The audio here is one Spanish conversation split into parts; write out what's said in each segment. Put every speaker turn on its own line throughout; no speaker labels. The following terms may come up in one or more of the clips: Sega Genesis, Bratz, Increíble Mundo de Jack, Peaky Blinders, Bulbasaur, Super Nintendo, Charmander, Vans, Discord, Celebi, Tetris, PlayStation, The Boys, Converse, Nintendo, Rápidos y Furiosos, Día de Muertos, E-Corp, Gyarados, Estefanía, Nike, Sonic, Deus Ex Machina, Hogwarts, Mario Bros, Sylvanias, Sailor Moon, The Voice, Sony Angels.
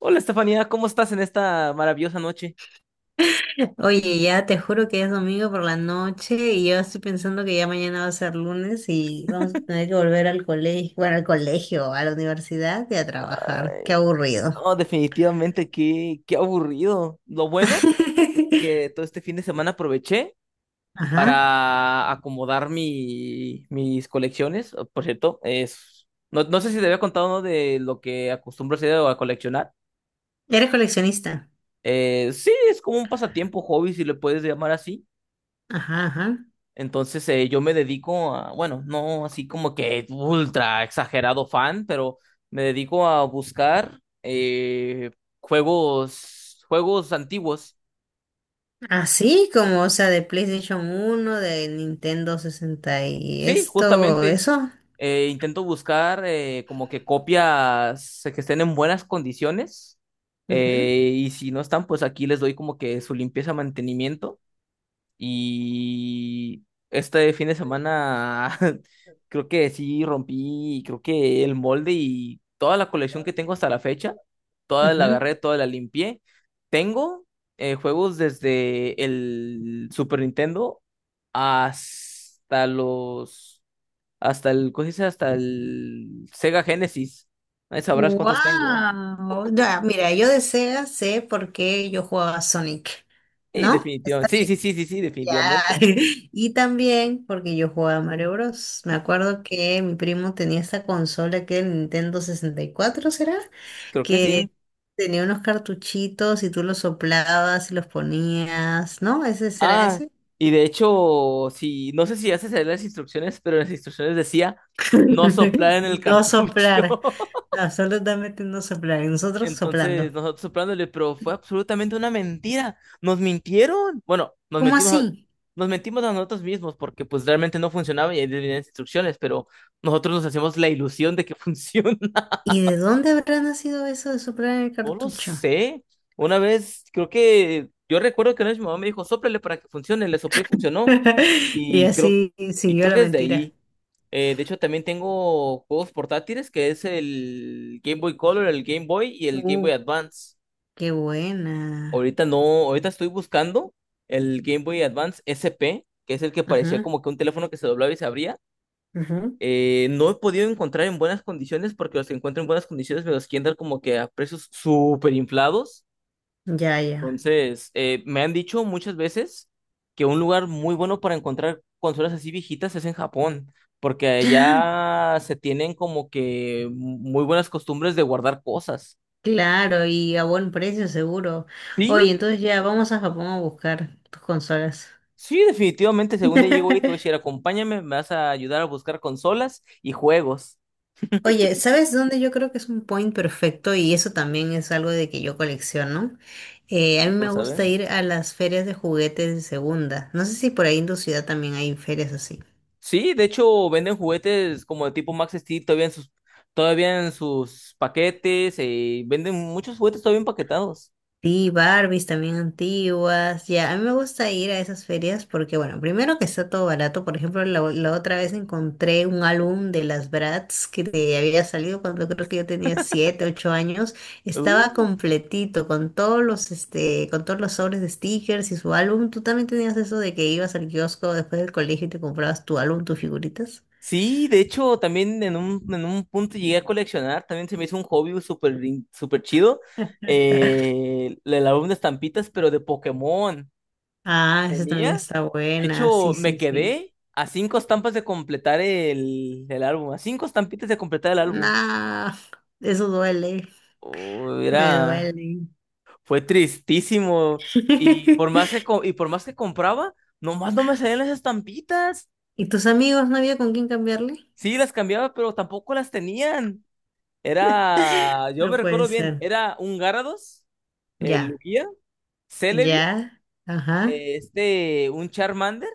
Hola Estefanía, ¿cómo estás en esta maravillosa noche?
Oye, ya te juro que es domingo por la noche y yo estoy pensando que ya mañana va a ser lunes y vamos a tener que volver al colegio, bueno, al colegio, a la universidad y a
Ah,
trabajar. Qué aburrido.
no, definitivamente qué aburrido. Lo bueno que todo este fin de semana aproveché
Ajá.
para acomodar mis colecciones. Por cierto, no, no sé si te había contado, ¿no?, de lo que acostumbro a hacer o a coleccionar.
Eres coleccionista.
Sí, es como un pasatiempo, hobby, si le puedes llamar así.
Ajá, ajá.
Entonces, yo me dedico a, bueno, no así como que ultra exagerado fan, pero me dedico a buscar juegos antiguos.
Así como, o sea, de PlayStation 1, de Nintendo sesenta y
Sí,
esto,
justamente
eso.
intento buscar como que copias que estén en buenas condiciones,
Ujú,
y si no están, pues aquí les doy como que su limpieza, mantenimiento. Y este fin de semana creo que el molde, y toda la colección que tengo hasta la fecha toda la
ujú.
agarré, toda la limpié. Tengo, juegos desde el Super Nintendo hasta los, hasta el, ¿cómo se dice? Hasta el Sega Genesis. Ahí sabrás cuántos tengo.
Wow, ya, mira, yo de Sega sé por qué yo jugaba Sonic,
Sí,
¿no? Está
definitivamente. Sí, sí, sí, sí, sí,
ya.
definitivamente.
Y también porque yo jugaba Mario Bros. Me acuerdo que mi primo tenía esta consola que era el Nintendo 64, ¿será?
Creo que sí.
Que tenía unos cartuchitos y tú los soplabas y los ponías, ¿no? ¿Ese será
Ah,
ese?
y de hecho, si no sé si haces leer las instrucciones, pero en las instrucciones decía no soplar en el
No
cartucho.
soplar, absolutamente no soplar. Y nosotros soplando.
Entonces, nosotros soplándole, pero fue absolutamente una mentira. Nos mintieron. Bueno, nos
¿Cómo
mentimos,
así?
nos mentimos a nosotros mismos porque pues realmente no funcionaba y ahí venían las instrucciones, pero nosotros nos hacemos la ilusión de que funciona.
¿Y de dónde habrá nacido eso de soplar en el
No lo
cartucho?
sé. Una vez, creo que yo recuerdo que una vez mi mamá me dijo, sóplale para que funcione, le soplé y funcionó.
Y
Y creo,
así
y
siguió
creo
la
que desde
mentira.
ahí. De hecho, también tengo juegos portátiles, que es el Game Boy Color, el Game Boy y el Game
Uh,
Boy Advance.
qué buena.
Ahorita no, ahorita estoy buscando el Game Boy Advance SP, que es el que parecía
Ajá,
como que un teléfono que se doblaba y se abría.
ajá.
No he podido encontrar en buenas condiciones porque los que encuentro en buenas condiciones me los quieren dar como que a precios súper inflados.
Ya, ya.
Entonces, me han dicho muchas veces que un lugar muy bueno para encontrar consolas así viejitas es en Japón, porque allá se tienen como que muy buenas costumbres de guardar cosas.
Claro, y a buen precio seguro. Oye,
Sí,
entonces ya vamos a Japón a buscar tus consolas.
sí, definitivamente, según día llegó y te voy acompáñame, me vas a ayudar a buscar consolas y juegos
Oye, ¿sabes dónde yo creo que es un point perfecto? Y eso también es algo de que yo colecciono. A
y
mí me
cosas,
gusta
¿ven?
ir a las ferias de juguetes de segunda. No sé si por ahí en tu ciudad también hay ferias así.
Sí, de hecho, venden juguetes como de tipo Max Steel todavía en sus paquetes. Venden muchos juguetes todavía empaquetados.
Sí, Barbies también antiguas. Ya, a mí me gusta ir a esas ferias porque, bueno, primero que está todo barato. Por ejemplo, la otra vez encontré un álbum de las Bratz que te había salido cuando creo que yo tenía 7, 8 años. Estaba completito con todos los, este, con todos los sobres de stickers y su álbum. ¿Tú también tenías eso de que ibas al kiosco después del colegio y te comprabas tu álbum, tus figuritas?
Sí, de hecho, también en un punto llegué a coleccionar, también se me hizo un hobby súper chido, el álbum de estampitas, pero de Pokémon.
Ah, esa también
Tenía,
está
de
buena.
hecho,
Sí,
me
sí, sí.
quedé a cinco estampas de completar el álbum, a cinco estampitas de completar el álbum.
Nah, eso duele.
Oh,
Me duele.
fue tristísimo, y por más que, co- y por más que compraba, nomás no me salían las estampitas.
¿Y tus amigos no había con quién cambiarle?
Sí, las cambiaba, pero tampoco las tenían. Yo
No
me
puede
recuerdo bien,
ser.
era un Gyarados, el
Ya,
Lugia, Celebi,
ya, ajá,
este, un Charmander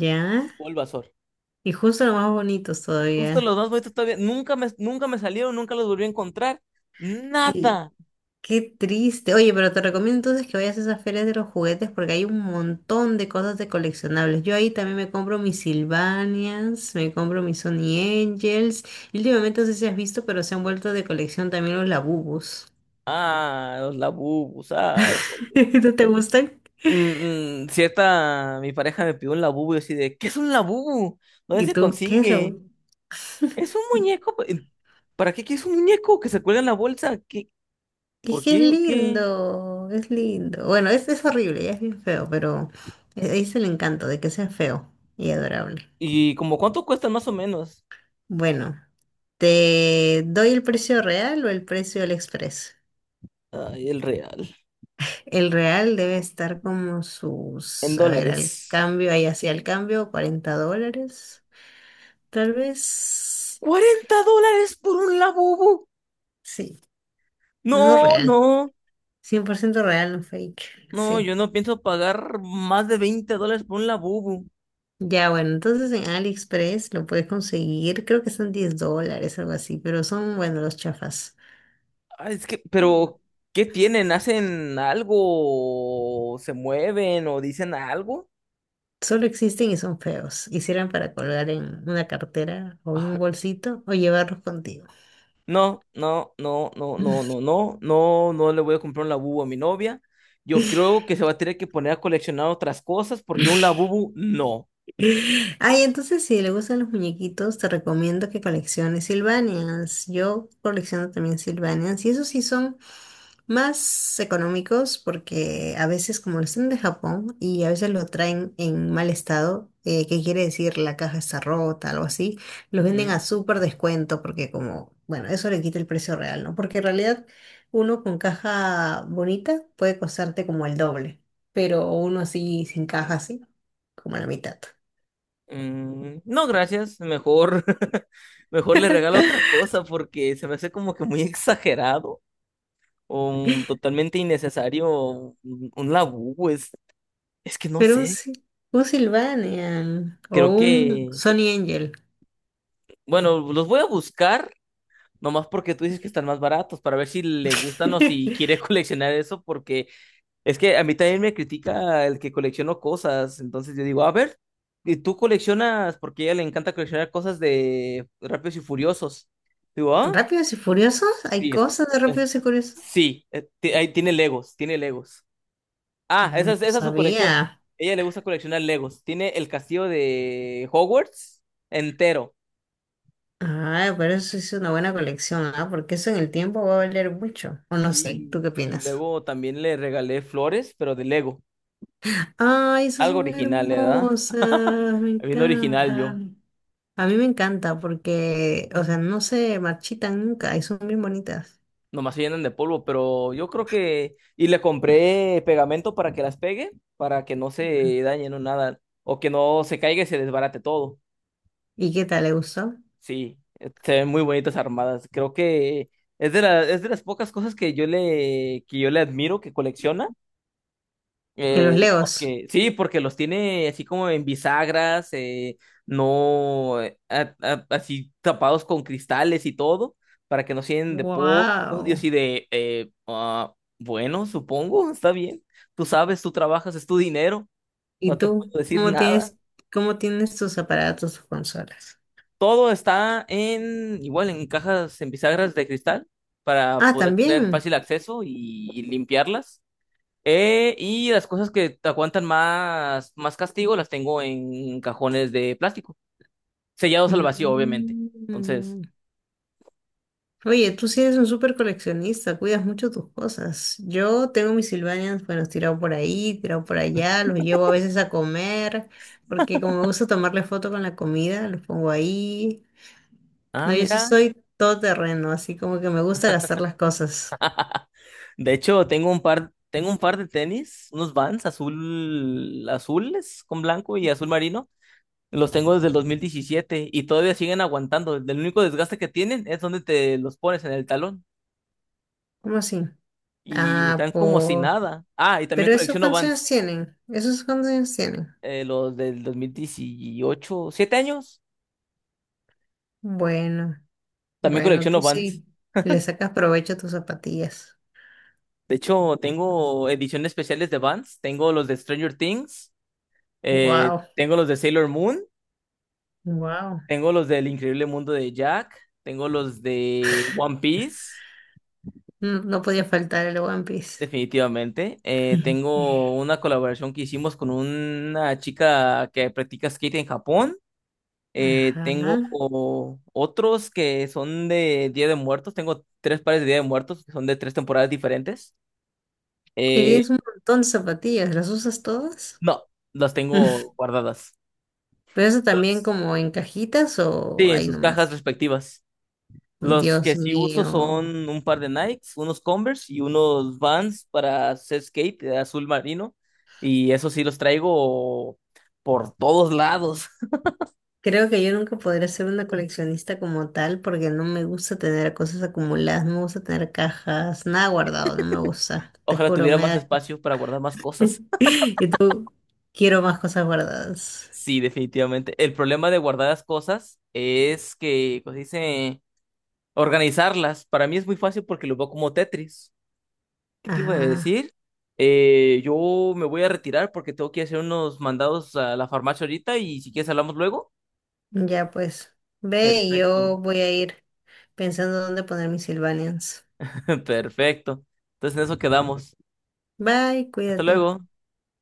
ya.
o el Bulbasaur.
Y justo los más bonitos
Justo los
todavía.
más bonitos todavía, nunca me salieron, nunca los volví a encontrar.
Y
Nada.
Qué triste. Oye, pero te recomiendo entonces que vayas a esas ferias de los juguetes porque hay un montón de cosas de coleccionables. Yo ahí también me compro mis Sylvanias, me compro mis Sony Angels. Y últimamente no sé si has visto, pero se han vuelto de colección también los Labubus.
Ah, los Labubus, ay, por Dios.
¿No te gustan?
Cierta, mi pareja me pidió un Labubu y yo así de, ¿qué es un Labubu? ¿Dónde
¿Y
se
tú qué es
consigue?
Labu?
Es un muñeco. ¿Para qué quieres un muñeco que se cuelga en la bolsa? ¿Qué?
Es
¿Por
que es
qué o qué?
lindo, es lindo. Bueno, es horrible, ya es bien feo, pero ahí es el encanto de que sea feo y adorable.
¿Y como cuánto cuestan más o menos?
Bueno, ¿te doy el precio real o el precio del express?
Ay, el real.
El real debe estar como
En
sus, a ver, al
dólares.
cambio, ahí hacia el cambio, $40, tal vez.
¡40 dólares por un labubu!
Sí, no
No,
real,
no,
100% real, no fake,
no,
sí.
yo no pienso pagar más de 20 dólares por un labubu.
Ya, bueno, entonces en AliExpress lo puedes conseguir, creo que son $10, algo así, pero son, bueno, los chafas.
Ah, es que,
Mm.
pero, ¿qué tienen? ¿Hacen algo? ¿Se mueven o dicen algo?
Solo existen y son feos. Hicieran para colgar en una cartera o en
Ah,
un bolsito o llevarlos contigo.
no, no, no, no, no, no, no, no, no le voy a comprar un labubu a mi novia. Yo creo que se va a tener que poner a coleccionar otras cosas porque un labubu no.
Ay, entonces si le gustan los muñequitos, te recomiendo que colecciones Silvanias. Yo colecciono también Silvanias y esos sí son más económicos porque a veces como los traen de Japón y a veces lo traen en mal estado, que quiere decir la caja está rota, algo así, los venden
Ujú.
a súper descuento porque como, bueno, eso le quita el precio real, ¿no? Porque en realidad uno con caja bonita puede costarte como el doble, pero uno así sin caja así, como la mitad.
Mm, no, gracias. Mejor, mejor le regalo otra cosa porque se me hace como que muy exagerado o totalmente innecesario un labú. Es que no
Pero
sé.
Un Sylvanian o
Creo
un
que,
Sony Angel.
bueno, los voy a buscar nomás porque tú dices que están más baratos, para ver si le gustan o si quiere coleccionar eso, porque es que a mí también me critica el que colecciono cosas. Entonces yo digo, a ver, ¿y tú coleccionas? Porque a ella le encanta coleccionar cosas de Rápidos y Furiosos. Digo, ah.
¿Rápidos y Furiosos? ¿Hay
Sí,
cosas de
es-
Rápidos y Furiosos?
sí, ahí tiene Legos, tiene Legos.
Ah,
Ah, esa
no
es, esa es su colección.
sabía.
Ella le gusta coleccionar Legos. Tiene el castillo de Hogwarts entero.
Ah, pero eso es una buena colección, ¿ah? Porque eso en el tiempo va a valer mucho. O no sé, ¿tú qué
Sí, y
opinas?
luego también le regalé flores, pero de Lego.
Ay, esas
Algo
son
original, ¿eh? ¿Verdad?
hermosas, me
Bien original yo.
encantan. A mí me encanta porque, o sea, no se marchitan nunca y son bien bonitas.
Nomás se llenan de polvo, pero yo creo que. Y le compré pegamento para que las pegue, para que no se dañen o nada, o que no se caiga y se desbarate todo.
¿Y qué tal? ¿Le gustó?
Sí, se ven muy bonitas armadas. Creo que es de las pocas cosas que yo le admiro que colecciona,
¿Que los Legos?
porque, sí, porque los tiene así como en bisagras, no, así tapados con cristales y todo, para que no se llenen de polvo, y
Wow.
así de bueno, supongo, está bien. Tú sabes, tú trabajas, es tu dinero,
¿Y
no te puedo
tú?
decir nada.
¿Cómo tienes tus aparatos o consolas?
Todo está en, igual, en cajas, en bisagras de cristal, para
Ah,
poder tener
también.
fácil acceso y limpiarlas. Y las cosas que te aguantan más, más castigo las tengo en cajones de plástico, sellados al vacío, obviamente. Entonces,
Mm. Oye, tú sí eres un súper coleccionista, cuidas mucho tus cosas. Yo tengo mis Sylvanians, bueno, tirado por ahí, tirado por allá, los llevo a veces a comer, porque como me gusta tomarle foto con la comida, los pongo ahí. No, yo sí
mira.
soy todoterreno, así como que me gusta gastar las cosas.
De hecho, tengo un par de tenis, unos Vans azules con blanco y azul marino. Los tengo desde el 2017 y todavía siguen aguantando. El único desgaste que tienen es donde te los pones en el talón.
¿Cómo así?
Y
Ah,
están como si
po.
nada. Ah, y también colecciono Vans.
Esos cuántos años tienen.
Los del 2018, ¿7 años?
Bueno,
También
bueno,
colecciono
tú
Vans.
sí. Le sacas provecho a tus zapatillas.
De hecho, tengo ediciones especiales de Vans. Tengo los de Stranger Things.
Wow,
Tengo los de Sailor Moon.
wow.
Tengo los del Increíble Mundo de Jack. Tengo los de One Piece.
No, no podía faltar el One Piece.
Definitivamente. Tengo una colaboración que hicimos con una chica que practica skate en Japón.
Ajá.
Tengo otros que son de Día de Muertos. Tengo tres pares de Día de Muertos que son de tres temporadas diferentes.
Y
Eh,
tienes un montón de zapatillas, ¿las usas todas?
no, las tengo guardadas.
Pero eso también
Los-
como en cajitas
sí,
o
en
ahí
sus cajas
nomás.
respectivas. Los que
Dios
sí uso
mío.
son un par de Nikes, unos Converse y unos Vans para hacer skate de azul marino. Y eso sí los traigo por todos lados.
Creo que yo nunca podré ser una coleccionista como tal porque no me gusta tener cosas acumuladas, no me gusta tener cajas, nada guardado, no me gusta. Te
Ojalá
juro,
tuviera
me
más
da.
espacio para guardar más cosas.
Y tú, quiero más cosas guardadas.
Sí, definitivamente. El problema de guardar las cosas es que, pues dice, organizarlas. Para mí es muy fácil porque lo veo como Tetris. ¿Qué te iba a
Ajá,
decir? Yo me voy a retirar porque tengo que hacer unos mandados a la farmacia ahorita, y si quieres hablamos luego.
ya pues. Ve, y
Perfecto,
yo voy a ir pensando dónde poner mis Sylvanians.
perfecto. Entonces en eso quedamos.
Bye,
Hasta
cuídate.
luego.